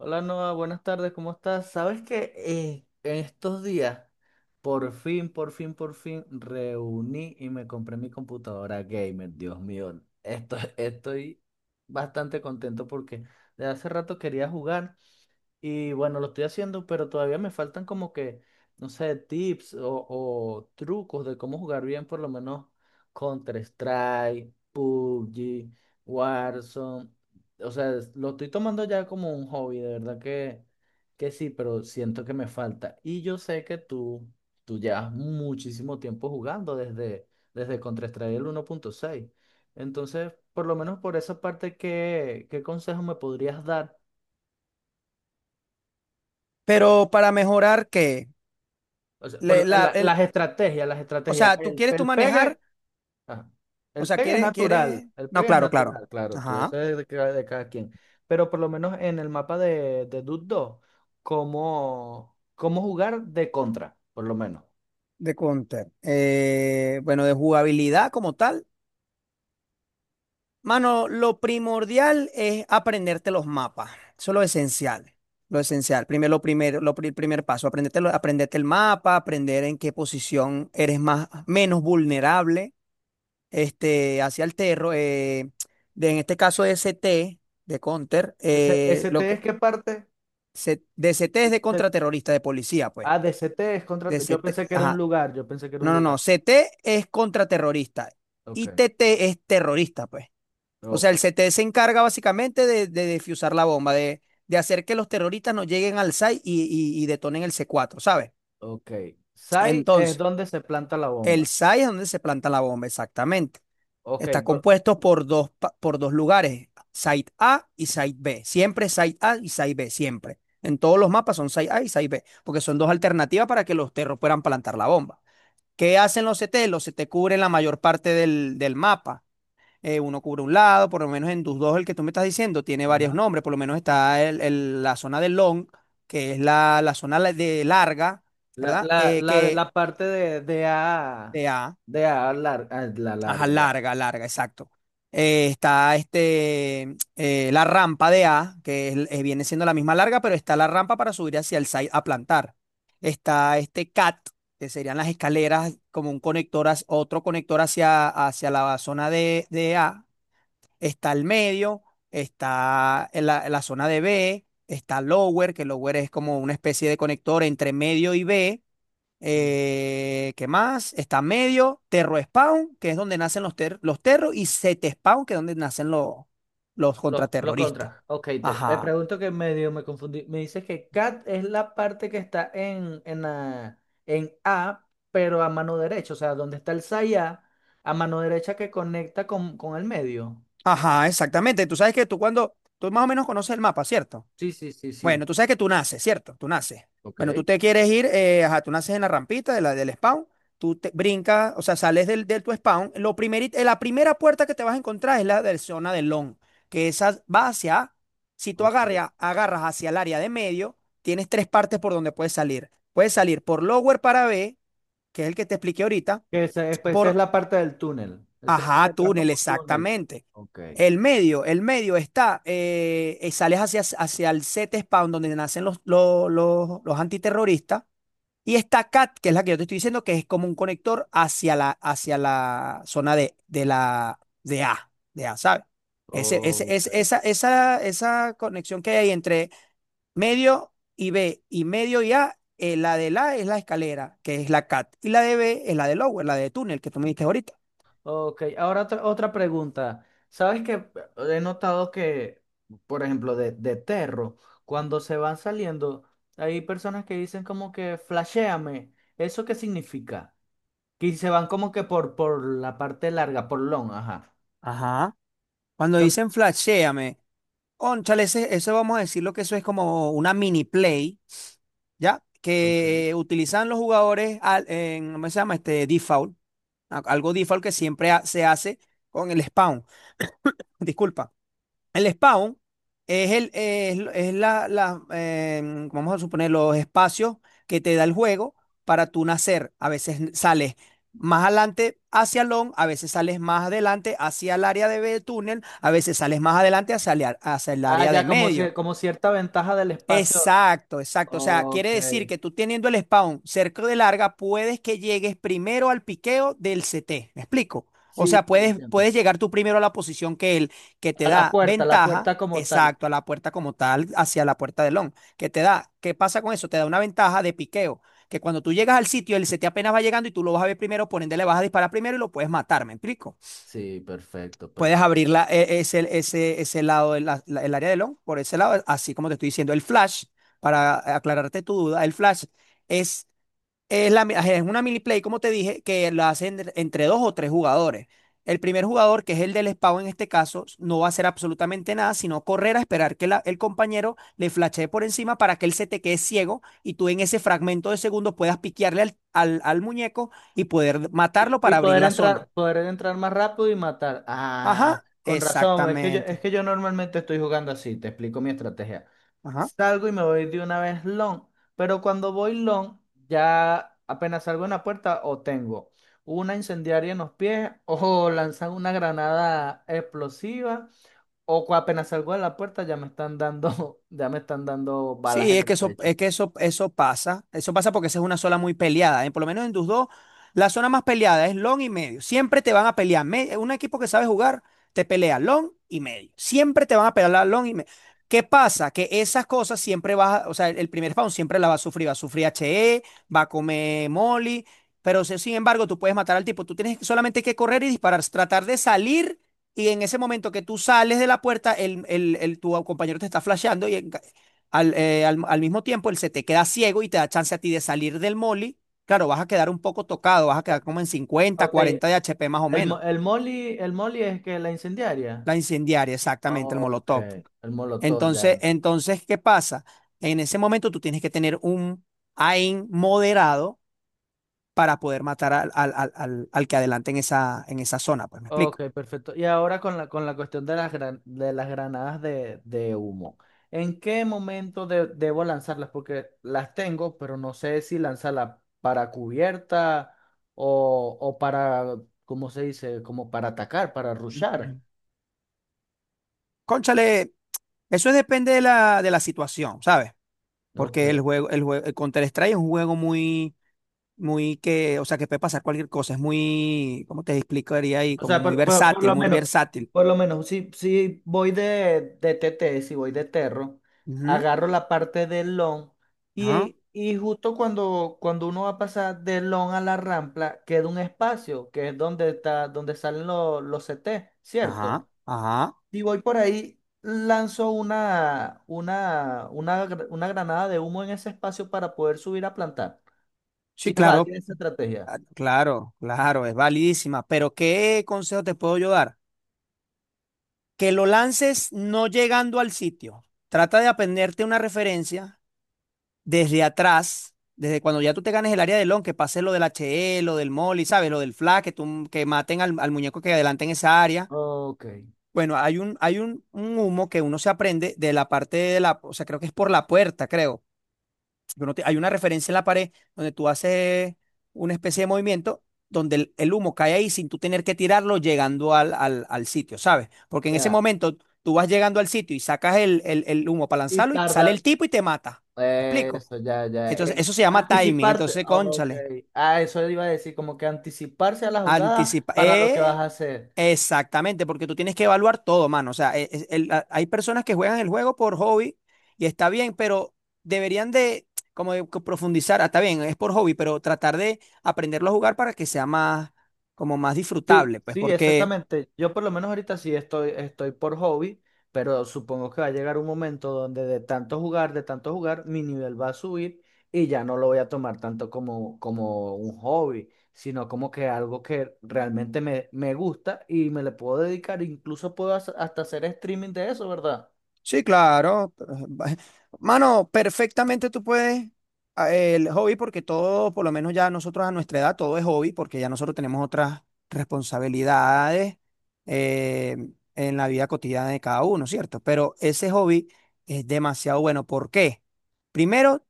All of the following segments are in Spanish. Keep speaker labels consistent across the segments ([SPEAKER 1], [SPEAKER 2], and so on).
[SPEAKER 1] Hola Noah, buenas tardes, ¿cómo estás? Sabes que en estos días, por fin, reuní y me compré mi computadora gamer. Dios mío, estoy bastante contento porque de hace rato quería jugar y bueno, lo estoy haciendo, pero todavía me faltan como que, no sé, tips o trucos de cómo jugar bien, por lo menos Counter-Strike, PUBG, Warzone. O sea, lo estoy tomando ya como un hobby, de verdad que sí, pero siento que me falta. Y yo sé que tú llevas muchísimo tiempo jugando desde Counter-Strike el uno punto seis. Entonces, por lo menos por esa parte, ¿ qué consejo me podrías dar?
[SPEAKER 2] Pero para mejorar qué.
[SPEAKER 1] O sea,
[SPEAKER 2] Le- la- el-
[SPEAKER 1] las estrategias, las
[SPEAKER 2] o
[SPEAKER 1] estrategias.
[SPEAKER 2] sea, tú
[SPEAKER 1] El,
[SPEAKER 2] quieres tú
[SPEAKER 1] el
[SPEAKER 2] manejar.
[SPEAKER 1] pegue, ajá.
[SPEAKER 2] O
[SPEAKER 1] El
[SPEAKER 2] sea,
[SPEAKER 1] pegue es
[SPEAKER 2] quieres,
[SPEAKER 1] natural,
[SPEAKER 2] quieres,
[SPEAKER 1] el
[SPEAKER 2] no,
[SPEAKER 1] pegue es
[SPEAKER 2] claro, claro,
[SPEAKER 1] natural, claro, eso
[SPEAKER 2] ajá,
[SPEAKER 1] es de de cada quien. Pero por lo menos en el mapa de Dude 2, cómo jugar de contra, por lo menos.
[SPEAKER 2] de counter. Bueno, de jugabilidad como tal, mano, lo primordial es aprenderte los mapas, eso es lo esencial, lo esencial. Primero, lo primero, el primer paso, aprenderte el mapa, aprender en qué posición eres más, menos vulnerable, este, hacia el terror, en este caso ST de Counter,
[SPEAKER 1] Ese T, es ¿qué parte?
[SPEAKER 2] De CT es de
[SPEAKER 1] Se-
[SPEAKER 2] contraterrorista, de policía, pues.
[SPEAKER 1] Ah, de C T es contra.
[SPEAKER 2] De
[SPEAKER 1] Yo
[SPEAKER 2] CT,
[SPEAKER 1] pensé que era un
[SPEAKER 2] ajá.
[SPEAKER 1] lugar, yo pensé que era un
[SPEAKER 2] No, no, no.
[SPEAKER 1] lugar.
[SPEAKER 2] CT es contraterrorista
[SPEAKER 1] Ok,
[SPEAKER 2] y TT es terrorista, pues. O sea,
[SPEAKER 1] ok,
[SPEAKER 2] el CT se encarga básicamente de defusar la bomba, de hacer que los terroristas no lleguen al SAI y y detonen el C4, ¿sabes?
[SPEAKER 1] ok. Sai es
[SPEAKER 2] Entonces,
[SPEAKER 1] donde se planta la
[SPEAKER 2] el
[SPEAKER 1] bomba.
[SPEAKER 2] SAI es donde se planta la bomba, exactamente.
[SPEAKER 1] Ok,
[SPEAKER 2] Está
[SPEAKER 1] por-
[SPEAKER 2] compuesto por por dos lugares, Site A y Site B. Siempre Site A y Site B, siempre. En todos los mapas son Site A y Site B, porque son dos alternativas para que los terros puedan plantar la bomba. ¿Qué hacen los CT? Los CT cubren la mayor parte del mapa. Uno cubre un lado, por lo menos en tus dos, el que tú me estás diciendo, tiene varios
[SPEAKER 1] ajá.
[SPEAKER 2] nombres. Por lo menos está la zona del long, que es la zona de larga, ¿verdad? Eh, que
[SPEAKER 1] La parte de A,
[SPEAKER 2] de A.
[SPEAKER 1] a la
[SPEAKER 2] Ajá,
[SPEAKER 1] larga ya.
[SPEAKER 2] larga, larga, exacto. Está este, la rampa de A, viene siendo la misma larga, pero está la rampa para subir hacia el site a plantar. Está este CAT, que serían las escaleras como un conector, otro conector hacia, la zona de A. Está el medio, está en la zona de B, está lower, que lower es como una especie de conector entre medio y B. ¿Qué más? Está medio, terro spawn, que es donde nacen los terros, y set spawn, que es donde nacen los
[SPEAKER 1] Los
[SPEAKER 2] contraterroristas.
[SPEAKER 1] contras. Ok, te
[SPEAKER 2] Ajá,
[SPEAKER 1] pregunto que medio me confundí. Me dices que cat es la parte que está en A, pero a mano derecha. O sea, donde está el saya, a mano derecha que conecta con el medio.
[SPEAKER 2] ajá, exactamente. Tú sabes que tú tú más o menos conoces el mapa, ¿cierto?
[SPEAKER 1] Sí, sí, sí, sí.
[SPEAKER 2] Bueno, tú sabes que tú naces, ¿cierto? Tú naces.
[SPEAKER 1] Ok,
[SPEAKER 2] Bueno, tú te quieres ir, ajá, tú naces en la rampita del spawn, tú te brincas, o sea, sales del tu spawn. La primera puerta que te vas a encontrar es la de zona del long, que esa va hacia, si tú
[SPEAKER 1] ok.
[SPEAKER 2] agarras hacia el área de medio, tienes tres partes por donde puedes salir. Puedes salir por lower para B, que es el que te expliqué ahorita,
[SPEAKER 1] Que pues, esa es
[SPEAKER 2] por
[SPEAKER 1] la parte del túnel. Esa es la que
[SPEAKER 2] ajá,
[SPEAKER 1] entras
[SPEAKER 2] túnel,
[SPEAKER 1] como túnel.
[SPEAKER 2] exactamente.
[SPEAKER 1] Ok,
[SPEAKER 2] El medio sales hacia el set spawn donde nacen los, los antiterroristas, y está CAT, que es la que yo te estoy diciendo, que es como un conector hacia la zona de, de A, ¿sabes? Ese,
[SPEAKER 1] ok.
[SPEAKER 2] es- esa conexión que hay entre medio y B y medio y A, la de la es la escalera, que es la CAT, y la de B es la de lower, la de túnel, que tú me diste ahorita.
[SPEAKER 1] Ok, ahora otra pregunta. ¿Sabes que he notado que, por ejemplo, de Terro, cuando se van saliendo, hay personas que dicen como que flashéame? ¿Eso qué significa? Que se van como que por la parte larga, por long, ajá.
[SPEAKER 2] Ajá. Cuando
[SPEAKER 1] Yo no-
[SPEAKER 2] dicen flashéame, ónchale, eso vamos a decirlo que eso es como una mini play, ¿ya?
[SPEAKER 1] Ok.
[SPEAKER 2] Que utilizan los jugadores en, ¿cómo se llama? Este default, algo default que siempre se hace con el spawn, disculpa. El spawn es la, vamos a suponer, los espacios que te da el juego para tú nacer. A veces sales más adelante hacia long, a veces sales más adelante hacia el área de túnel, a veces sales más adelante hacia hacia el
[SPEAKER 1] Ah,
[SPEAKER 2] área de
[SPEAKER 1] ya, como,
[SPEAKER 2] medio.
[SPEAKER 1] como cierta ventaja del espacio.
[SPEAKER 2] Exacto, exacto. O sea, quiere
[SPEAKER 1] Ok.
[SPEAKER 2] decir que tú teniendo el spawn cerca de larga, puedes que llegues primero al piqueo del CT. ¿Me explico? O
[SPEAKER 1] Sí,
[SPEAKER 2] sea,
[SPEAKER 1] sí, entiendo.
[SPEAKER 2] puedes llegar tú primero a la posición que te
[SPEAKER 1] A la
[SPEAKER 2] da
[SPEAKER 1] puerta, a la
[SPEAKER 2] ventaja,
[SPEAKER 1] puerta como tal.
[SPEAKER 2] exacto, a la puerta como tal, hacia la puerta del long, que te da. ¿Qué pasa con eso? Te da una ventaja de piqueo, que cuando tú llegas al sitio, el CT apenas va llegando y tú lo vas a ver primero, por ende le vas a disparar primero y lo puedes matar, ¿me explico?
[SPEAKER 1] Sí, perfecto,
[SPEAKER 2] Puedes
[SPEAKER 1] perfecto.
[SPEAKER 2] abrir ese lado, el área de long, por ese lado, así como te estoy diciendo. El flash, para aclararte tu duda, el flash es, es una mini play, como te dije, que la hacen entre dos o tres jugadores. El primer jugador, que es el del espado en este caso, no va a hacer absolutamente nada, sino correr a esperar que el compañero le flashee por encima para que él se te quede ciego y tú en ese fragmento de segundo puedas piquearle al al muñeco y poder matarlo
[SPEAKER 1] Y
[SPEAKER 2] para abrir la zona.
[SPEAKER 1] poder entrar más rápido y matar. Ah,
[SPEAKER 2] Ajá,
[SPEAKER 1] con razón. Es
[SPEAKER 2] exactamente.
[SPEAKER 1] que yo normalmente estoy jugando así. Te explico mi estrategia.
[SPEAKER 2] Ajá.
[SPEAKER 1] Salgo y me voy de una vez long. Pero cuando voy long, ya apenas salgo en la puerta o tengo una incendiaria en los pies o lanzan una granada explosiva o apenas salgo de la puerta ya me están dando, ya me están dando balas
[SPEAKER 2] Sí,
[SPEAKER 1] en el pecho.
[SPEAKER 2] eso pasa. Eso pasa porque esa es una zona muy peleada, ¿eh? Por lo menos en tus dos, la zona más peleada es long y medio. Siempre te van a pelear. Un equipo que sabe jugar te pelea long y medio. Siempre te van a pelear la long y medio. ¿Qué pasa? Que esas cosas siempre o sea, el primer round siempre la va a sufrir. Va a sufrir HE, va a comer Molly. Pero sin embargo, tú puedes matar al tipo. Tú tienes solamente que correr y disparar, tratar de salir. Y en ese momento que tú sales de la puerta, tu compañero te está flasheando y al mismo tiempo, él se te queda ciego y te da chance a ti de salir del molly. Claro, vas a quedar un poco tocado, vas a
[SPEAKER 1] Eh,
[SPEAKER 2] quedar como en 50,
[SPEAKER 1] Ok,
[SPEAKER 2] 40 de HP más o menos.
[SPEAKER 1] el molly es que la incendiaria.
[SPEAKER 2] La incendiaria, exactamente, el
[SPEAKER 1] Ok,
[SPEAKER 2] molotov.
[SPEAKER 1] el molotov ya no.
[SPEAKER 2] Entonces, ¿qué pasa? En ese momento tú tienes que tener un aim moderado para poder matar al que adelante en esa zona, pues me
[SPEAKER 1] Ok,
[SPEAKER 2] explico.
[SPEAKER 1] perfecto. Y ahora con la cuestión de las, de las granadas de humo. ¿En qué momento debo lanzarlas? Porque las tengo, pero no sé si lanzarlas para cubierta o para, ¿cómo se dice? Como para atacar, para rushar.
[SPEAKER 2] Cónchale, eso depende de de la situación, ¿sabes? Porque
[SPEAKER 1] Ok.
[SPEAKER 2] el Counter-Strike es un juego muy muy o sea, que puede pasar cualquier cosa, es muy, ¿cómo te explicaría ahí?
[SPEAKER 1] O
[SPEAKER 2] Como
[SPEAKER 1] sea,
[SPEAKER 2] muy versátil, muy versátil.
[SPEAKER 1] por lo menos, si voy de T T, si voy de Terro,
[SPEAKER 2] Ujú,
[SPEAKER 1] agarro la parte del long
[SPEAKER 2] ajá,
[SPEAKER 1] y justo cuando uno va a pasar del long a la rampla, queda un espacio que es donde está, donde salen los CT,
[SPEAKER 2] ajá,
[SPEAKER 1] ¿cierto?
[SPEAKER 2] ajá.
[SPEAKER 1] Si voy por ahí, lanzo una granada de humo en ese espacio para poder subir a plantar. Si
[SPEAKER 2] Sí,
[SPEAKER 1] es
[SPEAKER 2] claro,
[SPEAKER 1] válida esa estrategia.
[SPEAKER 2] ah, claro, claro, es validísima. Pero ¿qué consejo te puedo yo dar? Que lo lances no llegando al sitio. Trata de aprenderte una referencia desde atrás, desde cuando ya tú te ganes el área del long, que pase lo del HE, lo del molly, ¿sabes? Lo del flag, que maten al muñeco que adelante en esa área.
[SPEAKER 1] Ok.
[SPEAKER 2] Bueno, hay un, un humo que uno se aprende de la parte de o sea, creo que es por la puerta, creo. Que hay una referencia en la pared donde tú haces una especie de movimiento donde el humo cae ahí sin tú tener que tirarlo llegando al, al sitio, ¿sabes? Porque en ese
[SPEAKER 1] Ya.
[SPEAKER 2] momento tú vas llegando al sitio y sacas el humo para
[SPEAKER 1] Y
[SPEAKER 2] lanzarlo y sale
[SPEAKER 1] tarda
[SPEAKER 2] el tipo y te mata. ¿Me explico?
[SPEAKER 1] eso, ya, ya.
[SPEAKER 2] Entonces,
[SPEAKER 1] Eh,
[SPEAKER 2] eso se llama timing.
[SPEAKER 1] anticiparte.
[SPEAKER 2] Entonces,
[SPEAKER 1] Ok.
[SPEAKER 2] cónchale,
[SPEAKER 1] Ah, eso iba a decir, como que anticiparse a la jugada
[SPEAKER 2] anticipa.
[SPEAKER 1] para lo que vas
[SPEAKER 2] eh,
[SPEAKER 1] a hacer.
[SPEAKER 2] Exactamente, porque tú tienes que evaluar todo, mano. O sea, hay personas que juegan el juego por hobby y está bien, pero deberían de como profundizar. Ah, está bien, es por hobby, pero tratar de aprenderlo a jugar para que sea más, como más
[SPEAKER 1] Sí,
[SPEAKER 2] disfrutable, pues,
[SPEAKER 1] sí,
[SPEAKER 2] porque
[SPEAKER 1] exactamente. Yo por lo menos ahorita sí estoy, estoy por hobby, pero supongo que va a llegar un momento donde de tanto jugar, mi nivel va a subir y ya no lo voy a tomar tanto como, como un hobby, sino como que algo que realmente me, me gusta y me le puedo dedicar. Incluso puedo hacer- hasta hacer streaming de eso, ¿verdad?
[SPEAKER 2] sí, claro. pero, mano, perfectamente tú puedes el hobby porque todo, por lo menos ya nosotros a nuestra edad, todo es hobby porque ya nosotros tenemos otras responsabilidades, eh, en la vida cotidiana de cada uno, ¿cierto? Pero ese hobby es demasiado bueno. ¿Por qué? Primero,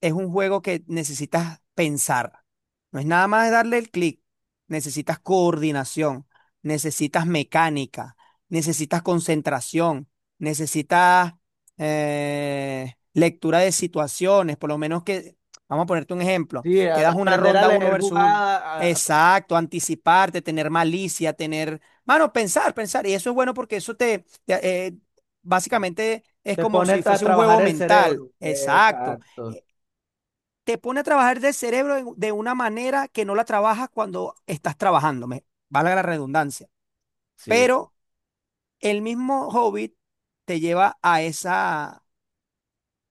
[SPEAKER 2] es un juego que necesitas pensar. No es nada más darle el clic. Necesitas coordinación, necesitas mecánica, necesitas concentración, necesitas, lectura de situaciones, por lo menos que, vamos a ponerte un ejemplo,
[SPEAKER 1] Sí,
[SPEAKER 2] que
[SPEAKER 1] al
[SPEAKER 2] das una
[SPEAKER 1] aprender a
[SPEAKER 2] ronda uno
[SPEAKER 1] leer
[SPEAKER 2] versus uno.
[SPEAKER 1] jugadas, a-
[SPEAKER 2] Exacto, anticiparte, tener malicia, tener, mano, pensar, pensar. Y eso es bueno porque eso básicamente es
[SPEAKER 1] te
[SPEAKER 2] como
[SPEAKER 1] pone
[SPEAKER 2] si
[SPEAKER 1] a
[SPEAKER 2] fuese un
[SPEAKER 1] trabajar
[SPEAKER 2] juego
[SPEAKER 1] el
[SPEAKER 2] mental.
[SPEAKER 1] cerebro.
[SPEAKER 2] Exacto,
[SPEAKER 1] Exacto.
[SPEAKER 2] te pone a trabajar del cerebro de una manera que no la trabajas cuando estás trabajando, valga la redundancia.
[SPEAKER 1] Sí, sí.
[SPEAKER 2] Pero el mismo Hobbit te lleva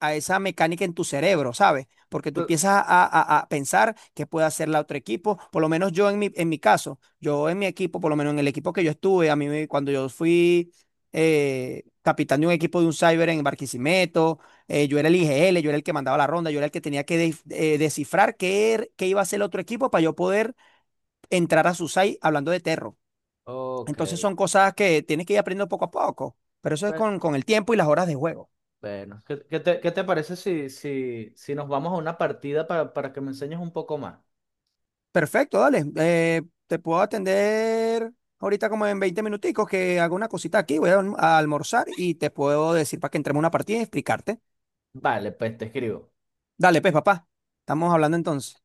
[SPEAKER 2] a esa mecánica en tu cerebro, ¿sabes? Porque tú
[SPEAKER 1] Tú-
[SPEAKER 2] empiezas a pensar qué puede hacer la otro equipo. Por lo menos yo en mi caso, yo en mi equipo, por lo menos en el equipo que yo estuve, cuando yo fui, capitán de un equipo de un cyber en Barquisimeto, yo era el IGL, yo era el que mandaba la ronda, yo era el que tenía que, descifrar qué iba a hacer el otro equipo para yo poder entrar a su site hablando de terro.
[SPEAKER 1] Ok.
[SPEAKER 2] Entonces son cosas que tienes que ir aprendiendo poco a poco, pero eso es
[SPEAKER 1] Bue-
[SPEAKER 2] con el tiempo y las horas de juego.
[SPEAKER 1] Bueno, ¿ qué te parece si, si, si nos vamos a una partida para que me enseñes un poco más?
[SPEAKER 2] Perfecto, dale. Te puedo atender ahorita como en 20 minuticos que hago una cosita aquí, voy a almorzar y te puedo decir para que entremos a una partida y explicarte.
[SPEAKER 1] Vale, pues te escribo.
[SPEAKER 2] Dale, pues, papá. Estamos hablando entonces.